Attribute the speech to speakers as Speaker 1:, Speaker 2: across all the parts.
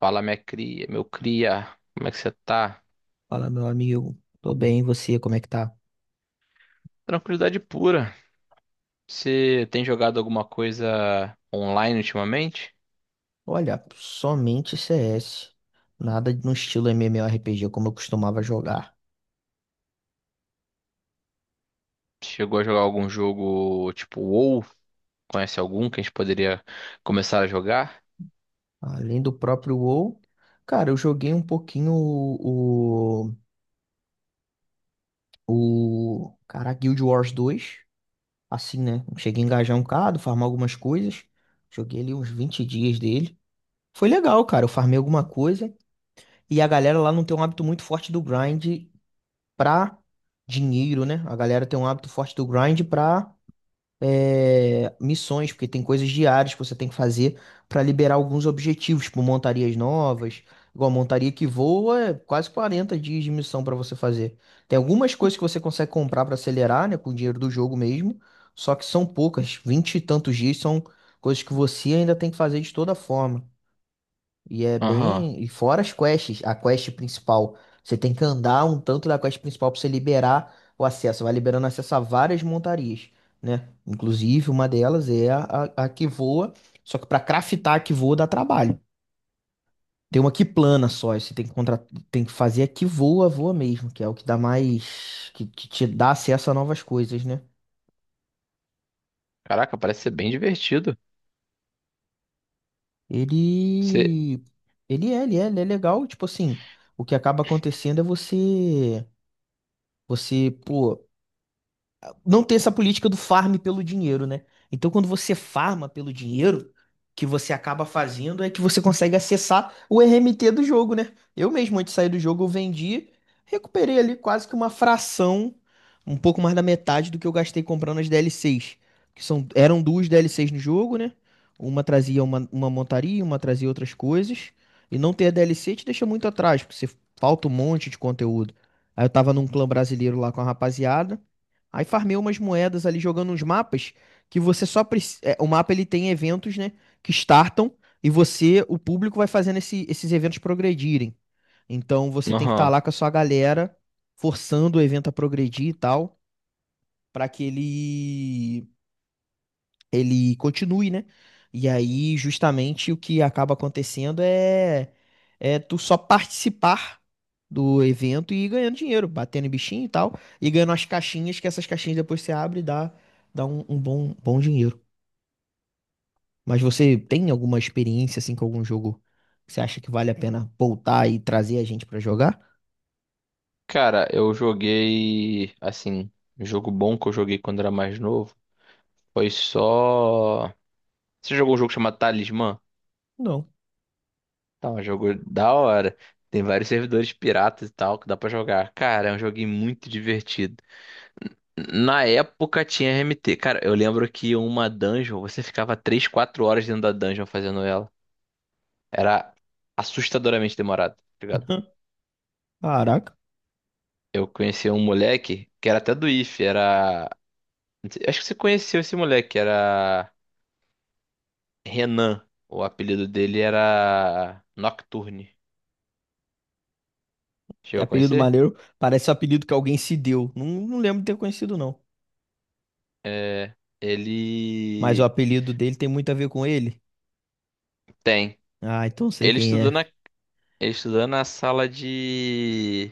Speaker 1: Fala, minha cria, meu cria, como é que você tá?
Speaker 2: Fala, meu amigo. Tô bem, e você, como é que tá?
Speaker 1: Tranquilidade pura. Você tem jogado alguma coisa online ultimamente?
Speaker 2: Olha, somente CS. Nada no estilo MMORPG como eu costumava jogar.
Speaker 1: Chegou a jogar algum jogo tipo WoW? Conhece algum que a gente poderia começar a jogar?
Speaker 2: Além do próprio WoW, cara, eu joguei um pouquinho o cara, Guild Wars 2, assim, né? Cheguei a engajar um bocado, farmar algumas coisas. Joguei ali uns 20 dias dele. Foi legal, cara. Eu farmei alguma coisa. E a galera lá não tem um hábito muito forte do grind pra dinheiro, né? A galera tem um hábito forte do grind pra missões, porque tem coisas diárias que você tem que fazer para liberar alguns objetivos, tipo montarias novas. Igual a montaria que voa, é quase 40 dias de missão para você fazer. Tem algumas coisas que você consegue comprar para acelerar, né, com o dinheiro do jogo mesmo, só que são poucas, 20 e tantos dias são coisas que você ainda tem que fazer de toda forma. E é
Speaker 1: Aham.
Speaker 2: bem. E fora as quests, a quest principal. Você tem que andar um tanto da quest principal pra você liberar o acesso. Vai liberando acesso a várias montarias, né? Inclusive, uma delas é a que voa. Só que pra craftar a que voa dá trabalho. Tem uma que plana só. E você tem que, tem que fazer a que voa, voa mesmo, que é o que dá mais. Que te dá acesso a novas coisas, né?
Speaker 1: Caraca, parece ser bem divertido. Você.
Speaker 2: Ele. Ele é legal. Tipo assim, o que acaba acontecendo é você. Você, pô. Não tem essa política do farm pelo dinheiro, né? Então, quando você farma pelo dinheiro, que você acaba fazendo é que você consegue acessar o RMT do jogo, né? Eu mesmo, antes de sair do jogo, eu vendi, recuperei ali quase que uma fração, um pouco mais da metade do que eu gastei comprando as DLCs, que são, eram duas DLCs no jogo, né? Uma trazia uma montaria, uma trazia outras coisas. E não ter a DLC te deixa muito atrás, porque você falta um monte de conteúdo. Aí eu tava num clã brasileiro lá com a rapaziada. Aí farmei umas moedas ali jogando uns mapas que você só precisa. O mapa ele tem eventos, né? Que startam e você, o público, vai fazendo esses eventos progredirem. Então você tem que estar
Speaker 1: Aham.
Speaker 2: lá com a sua galera, forçando o evento a progredir e tal, para que ele continue, né? E aí, justamente, o que acaba acontecendo é tu só participar do evento e ir ganhando dinheiro, batendo em bichinho e tal, e ganhando as caixinhas, que essas caixinhas depois você abre e dá um, um bom dinheiro. Mas você tem alguma experiência, assim, com algum jogo que você acha que vale a pena voltar e trazer a gente pra jogar?
Speaker 1: Cara, eu joguei. Assim, um jogo bom que eu joguei quando era mais novo foi só. Você jogou um jogo chamado Talismã?
Speaker 2: Não.
Speaker 1: Tá, um jogo da hora. Tem vários servidores piratas e tal que dá pra jogar. Cara, é um joguinho muito divertido. Na época tinha RMT. Cara, eu lembro que uma dungeon, você ficava 3 4 horas dentro da dungeon fazendo ela. Era assustadoramente demorado, tá ligado?
Speaker 2: Caraca,
Speaker 1: Eu conheci um moleque que era até do ife era. Não sei- Acho que você conheceu esse moleque, era Renan. O apelido dele era Nocturne.
Speaker 2: que
Speaker 1: Chegou a
Speaker 2: apelido
Speaker 1: conhecer?
Speaker 2: maneiro. Parece um apelido que alguém se deu. Não, não lembro de ter conhecido, não.
Speaker 1: É.
Speaker 2: Mas o
Speaker 1: Ele.
Speaker 2: apelido dele tem muito a ver com ele.
Speaker 1: Tem.
Speaker 2: Ah, então sei
Speaker 1: Ele
Speaker 2: quem
Speaker 1: estudou
Speaker 2: é.
Speaker 1: na Estudando na sala de.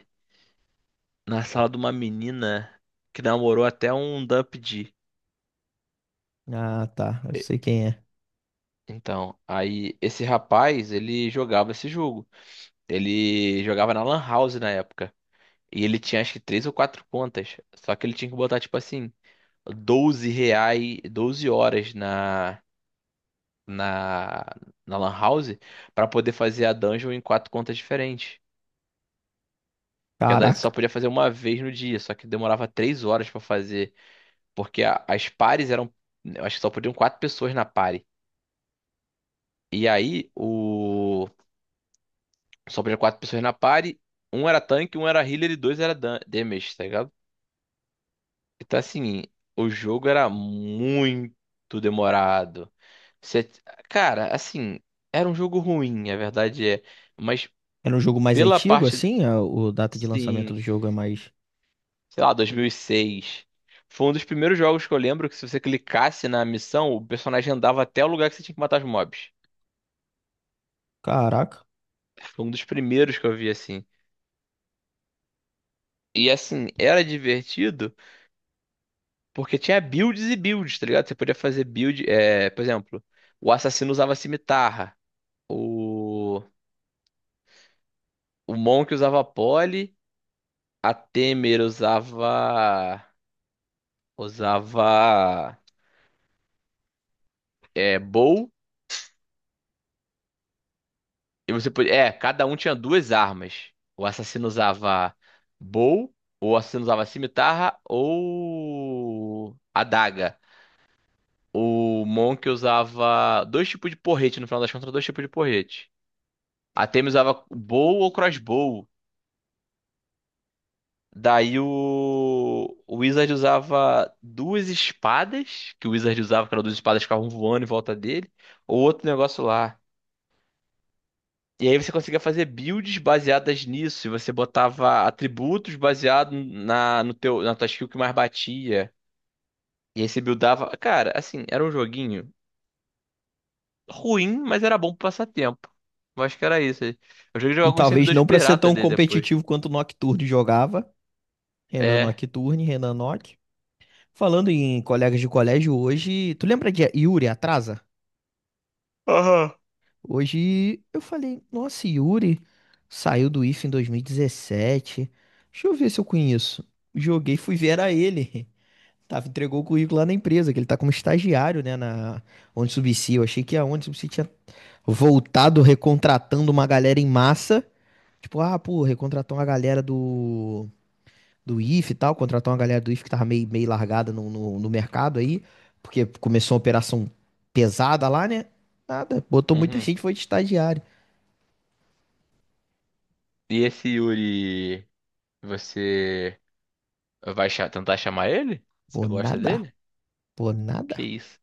Speaker 1: Na sala de uma menina que namorou até um Dump D.
Speaker 2: Ah, tá. Eu
Speaker 1: E-
Speaker 2: sei quem é.
Speaker 1: Então, aí esse rapaz, ele jogava esse jogo. Ele jogava na Lan House na época. E ele tinha acho que três ou quatro contas. Só que ele tinha que botar, tipo assim, 12 reais, 12 horas na, na, na Lan House pra poder fazer a dungeon em quatro contas diferentes. Porque a dungeon só
Speaker 2: Caraca.
Speaker 1: podia fazer uma vez no dia, só que demorava três horas pra fazer. Porque a- as pares eram. Eu acho que só podiam quatro pessoas na pare. E aí, o. Só podiam quatro pessoas na pare. Um era tanque, um era healer e dois era dan- damage, tá ligado? Então, assim, o jogo era muito demorado. Você- Cara, assim, era um jogo ruim, a verdade é. Mas
Speaker 2: Era um jogo mais
Speaker 1: pela
Speaker 2: antigo,
Speaker 1: parte.
Speaker 2: assim? O data de lançamento
Speaker 1: Sim,
Speaker 2: do jogo é mais.
Speaker 1: sei lá, 2006. Foi um dos primeiros jogos que eu lembro que se você clicasse na missão, o personagem andava até o lugar que você tinha que matar os mobs.
Speaker 2: Caraca.
Speaker 1: Foi um dos primeiros que eu vi assim. E assim, era divertido porque tinha builds e builds, tá ligado? Você podia fazer build. É, por exemplo, o assassino usava cimitarra. O, o Monk usava pole. A Temer usava. Usava. É, bow. E você podia. É, cada um tinha duas armas. O assassino usava bow. O assassino usava cimitarra ou. Adaga O Monk usava dois tipos de porrete, no final das contas, dois tipos de porrete. A Temi usava bow ou crossbow. Daí o Wizard usava duas espadas, que o Wizard usava, que eram duas espadas que ficavam voando em volta dele, ou outro negócio lá. E aí você conseguia fazer builds baseadas nisso, e você botava atributos baseados na, no teu, na tua skill que mais batia. E aí você buildava. Cara, assim, era um joguinho. Ruim, mas era bom pro passatempo. Eu acho que era isso. Eu joguei jogar alguns
Speaker 2: Talvez
Speaker 1: servidores
Speaker 2: não pra ser
Speaker 1: pirata
Speaker 2: tão
Speaker 1: dele depois.
Speaker 2: competitivo quanto o Nocturne jogava. Renan
Speaker 1: É.
Speaker 2: Nocturne, Renan Nock. Falando em colegas de colégio hoje. Tu lembra de Yuri Atrasa?
Speaker 1: Aham.
Speaker 2: Hoje eu falei, nossa, Yuri saiu do IF em 2017. Deixa eu ver se eu conheço. Joguei, fui ver, era ele. Tava, entregou o currículo lá na empresa, que ele tá como estagiário, né, na Onde Subsea. Eu achei que a Onde Subsea tinha voltado recontratando uma galera em massa. Tipo, ah, pô, recontratou uma galera do Ife e tal, contratou uma galera do Ife que tava meio, meio largada no mercado aí, porque começou uma operação pesada lá, né? Nada, botou muita
Speaker 1: Uhum.
Speaker 2: gente, foi de estagiário.
Speaker 1: E esse Yuri, você vai cha- tentar chamar ele?
Speaker 2: Pô,
Speaker 1: Você gosta
Speaker 2: nada,
Speaker 1: dele?
Speaker 2: pô, nada.
Speaker 1: Que isso?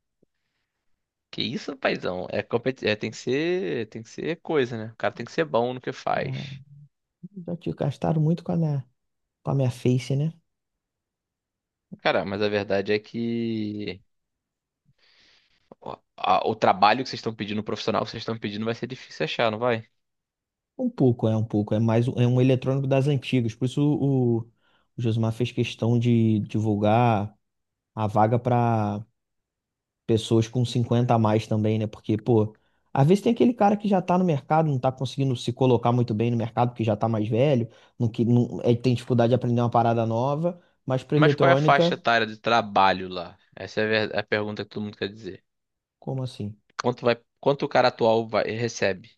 Speaker 1: Que isso, paizão? É, competi- é, tem que ser coisa, né? O cara tem que ser bom no que
Speaker 2: Ah,
Speaker 1: faz.
Speaker 2: já te gastaram muito com a minha face, né?
Speaker 1: Cara, mas a verdade é que o, a- o trabalho que vocês estão pedindo, o profissional que vocês estão pedindo, vai ser difícil achar, não vai?
Speaker 2: Um pouco. É mais é um eletrônico das antigas. Por isso o Josmar fez questão de divulgar a vaga para pessoas com 50 a mais também, né? Porque, pô, às vezes tem aquele cara que já tá no mercado, não tá conseguindo se colocar muito bem no mercado porque já tá mais velho, não, que, não, é, tem dificuldade de aprender uma parada nova, mas para
Speaker 1: Mas qual é a faixa
Speaker 2: eletrônica,
Speaker 1: etária de trabalho lá? Essa é a ver- é a pergunta que todo mundo quer dizer.
Speaker 2: como assim?
Speaker 1: Quanto vai, quanto o cara atual vai, recebe?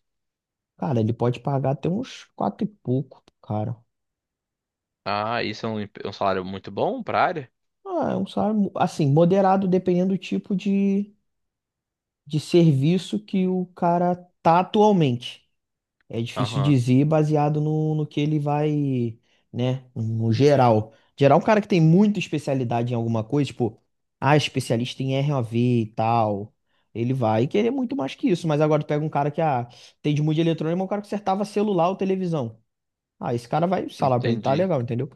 Speaker 2: Cara, ele pode pagar até uns quatro e pouco, cara.
Speaker 1: Ah, isso é um, emp- um salário muito bom pra área?
Speaker 2: Ah, é um salário, assim, moderado dependendo do tipo de serviço que o cara tá atualmente. É difícil
Speaker 1: Aham,
Speaker 2: dizer baseado no que ele vai, né, no geral. Geral, é um cara que tem muita especialidade em alguma coisa, tipo, ah, especialista em RAV e tal, ele vai querer muito mais que isso. Mas agora tu pega um cara que, ah, tem de música eletrônica, mas um cara que acertava celular ou televisão. Ah, esse cara vai, o salário pra ele tá
Speaker 1: entendi.
Speaker 2: legal, entendeu?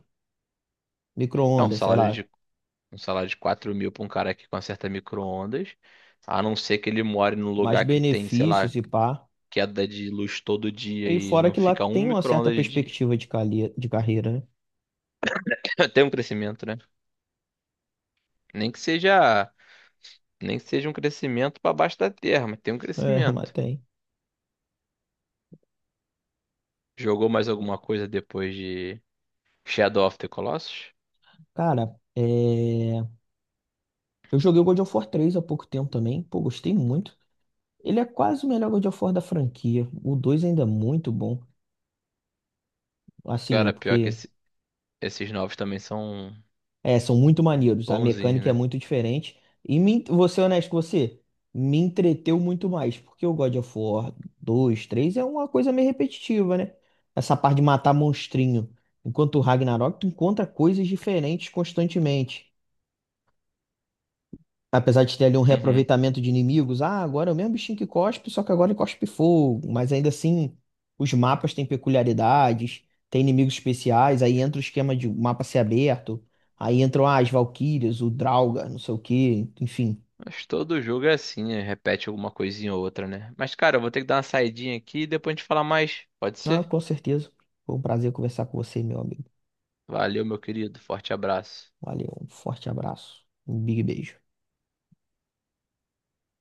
Speaker 1: É
Speaker 2: Micro-ondas, sei lá,
Speaker 1: um salário de 4 mil pra um cara que conserta micro-ondas, a não ser que ele more num
Speaker 2: mais
Speaker 1: lugar que tem, sei lá,
Speaker 2: benefícios e pá.
Speaker 1: queda de luz todo dia
Speaker 2: E
Speaker 1: e
Speaker 2: fora
Speaker 1: não
Speaker 2: que lá
Speaker 1: fica um
Speaker 2: tem uma certa
Speaker 1: micro-ondas de dia.
Speaker 2: perspectiva de, de carreira, né?
Speaker 1: Tem um crescimento, né? Nem que seja, nem que seja um crescimento pra baixo da terra, mas tem um
Speaker 2: É, mas
Speaker 1: crescimento.
Speaker 2: tem.
Speaker 1: Jogou mais alguma coisa depois de Shadow of the Colossus?
Speaker 2: Cara, é... eu joguei o God of War 3 há pouco tempo também. Pô, gostei muito. Ele é quase o melhor God of War da franquia. O 2 ainda é muito bom. Assim, é
Speaker 1: Cara, pior que
Speaker 2: porque...
Speaker 1: esse- esses novos também são
Speaker 2: É, são muito maneiros. A
Speaker 1: bonzinhos,
Speaker 2: mecânica é
Speaker 1: né?
Speaker 2: muito diferente. E me... vou ser honesto com você. Me entreteu muito mais. Porque o God of War dois, três é uma coisa meio repetitiva, né? Essa parte de matar monstrinho. Enquanto o Ragnarok, tu encontra coisas diferentes constantemente. Apesar de ter ali um
Speaker 1: Uhum.
Speaker 2: reaproveitamento de inimigos, ah, agora é o mesmo bichinho que cospe, só que agora ele cospe fogo. Mas ainda assim, os mapas têm peculiaridades, tem inimigos especiais, aí entra o esquema de mapa ser aberto, aí entram ah, as Valquírias, o Draugr, não sei o quê, enfim.
Speaker 1: Mas todo jogo é assim, né? Repete alguma coisinha ou outra, né? Mas, cara, eu vou ter que dar uma saidinha aqui e depois a gente fala mais. Pode
Speaker 2: Ah,
Speaker 1: ser?
Speaker 2: com certeza. Foi um prazer conversar com você, meu amigo.
Speaker 1: Valeu, meu querido. Forte abraço.
Speaker 2: Valeu, um forte abraço, um big beijo.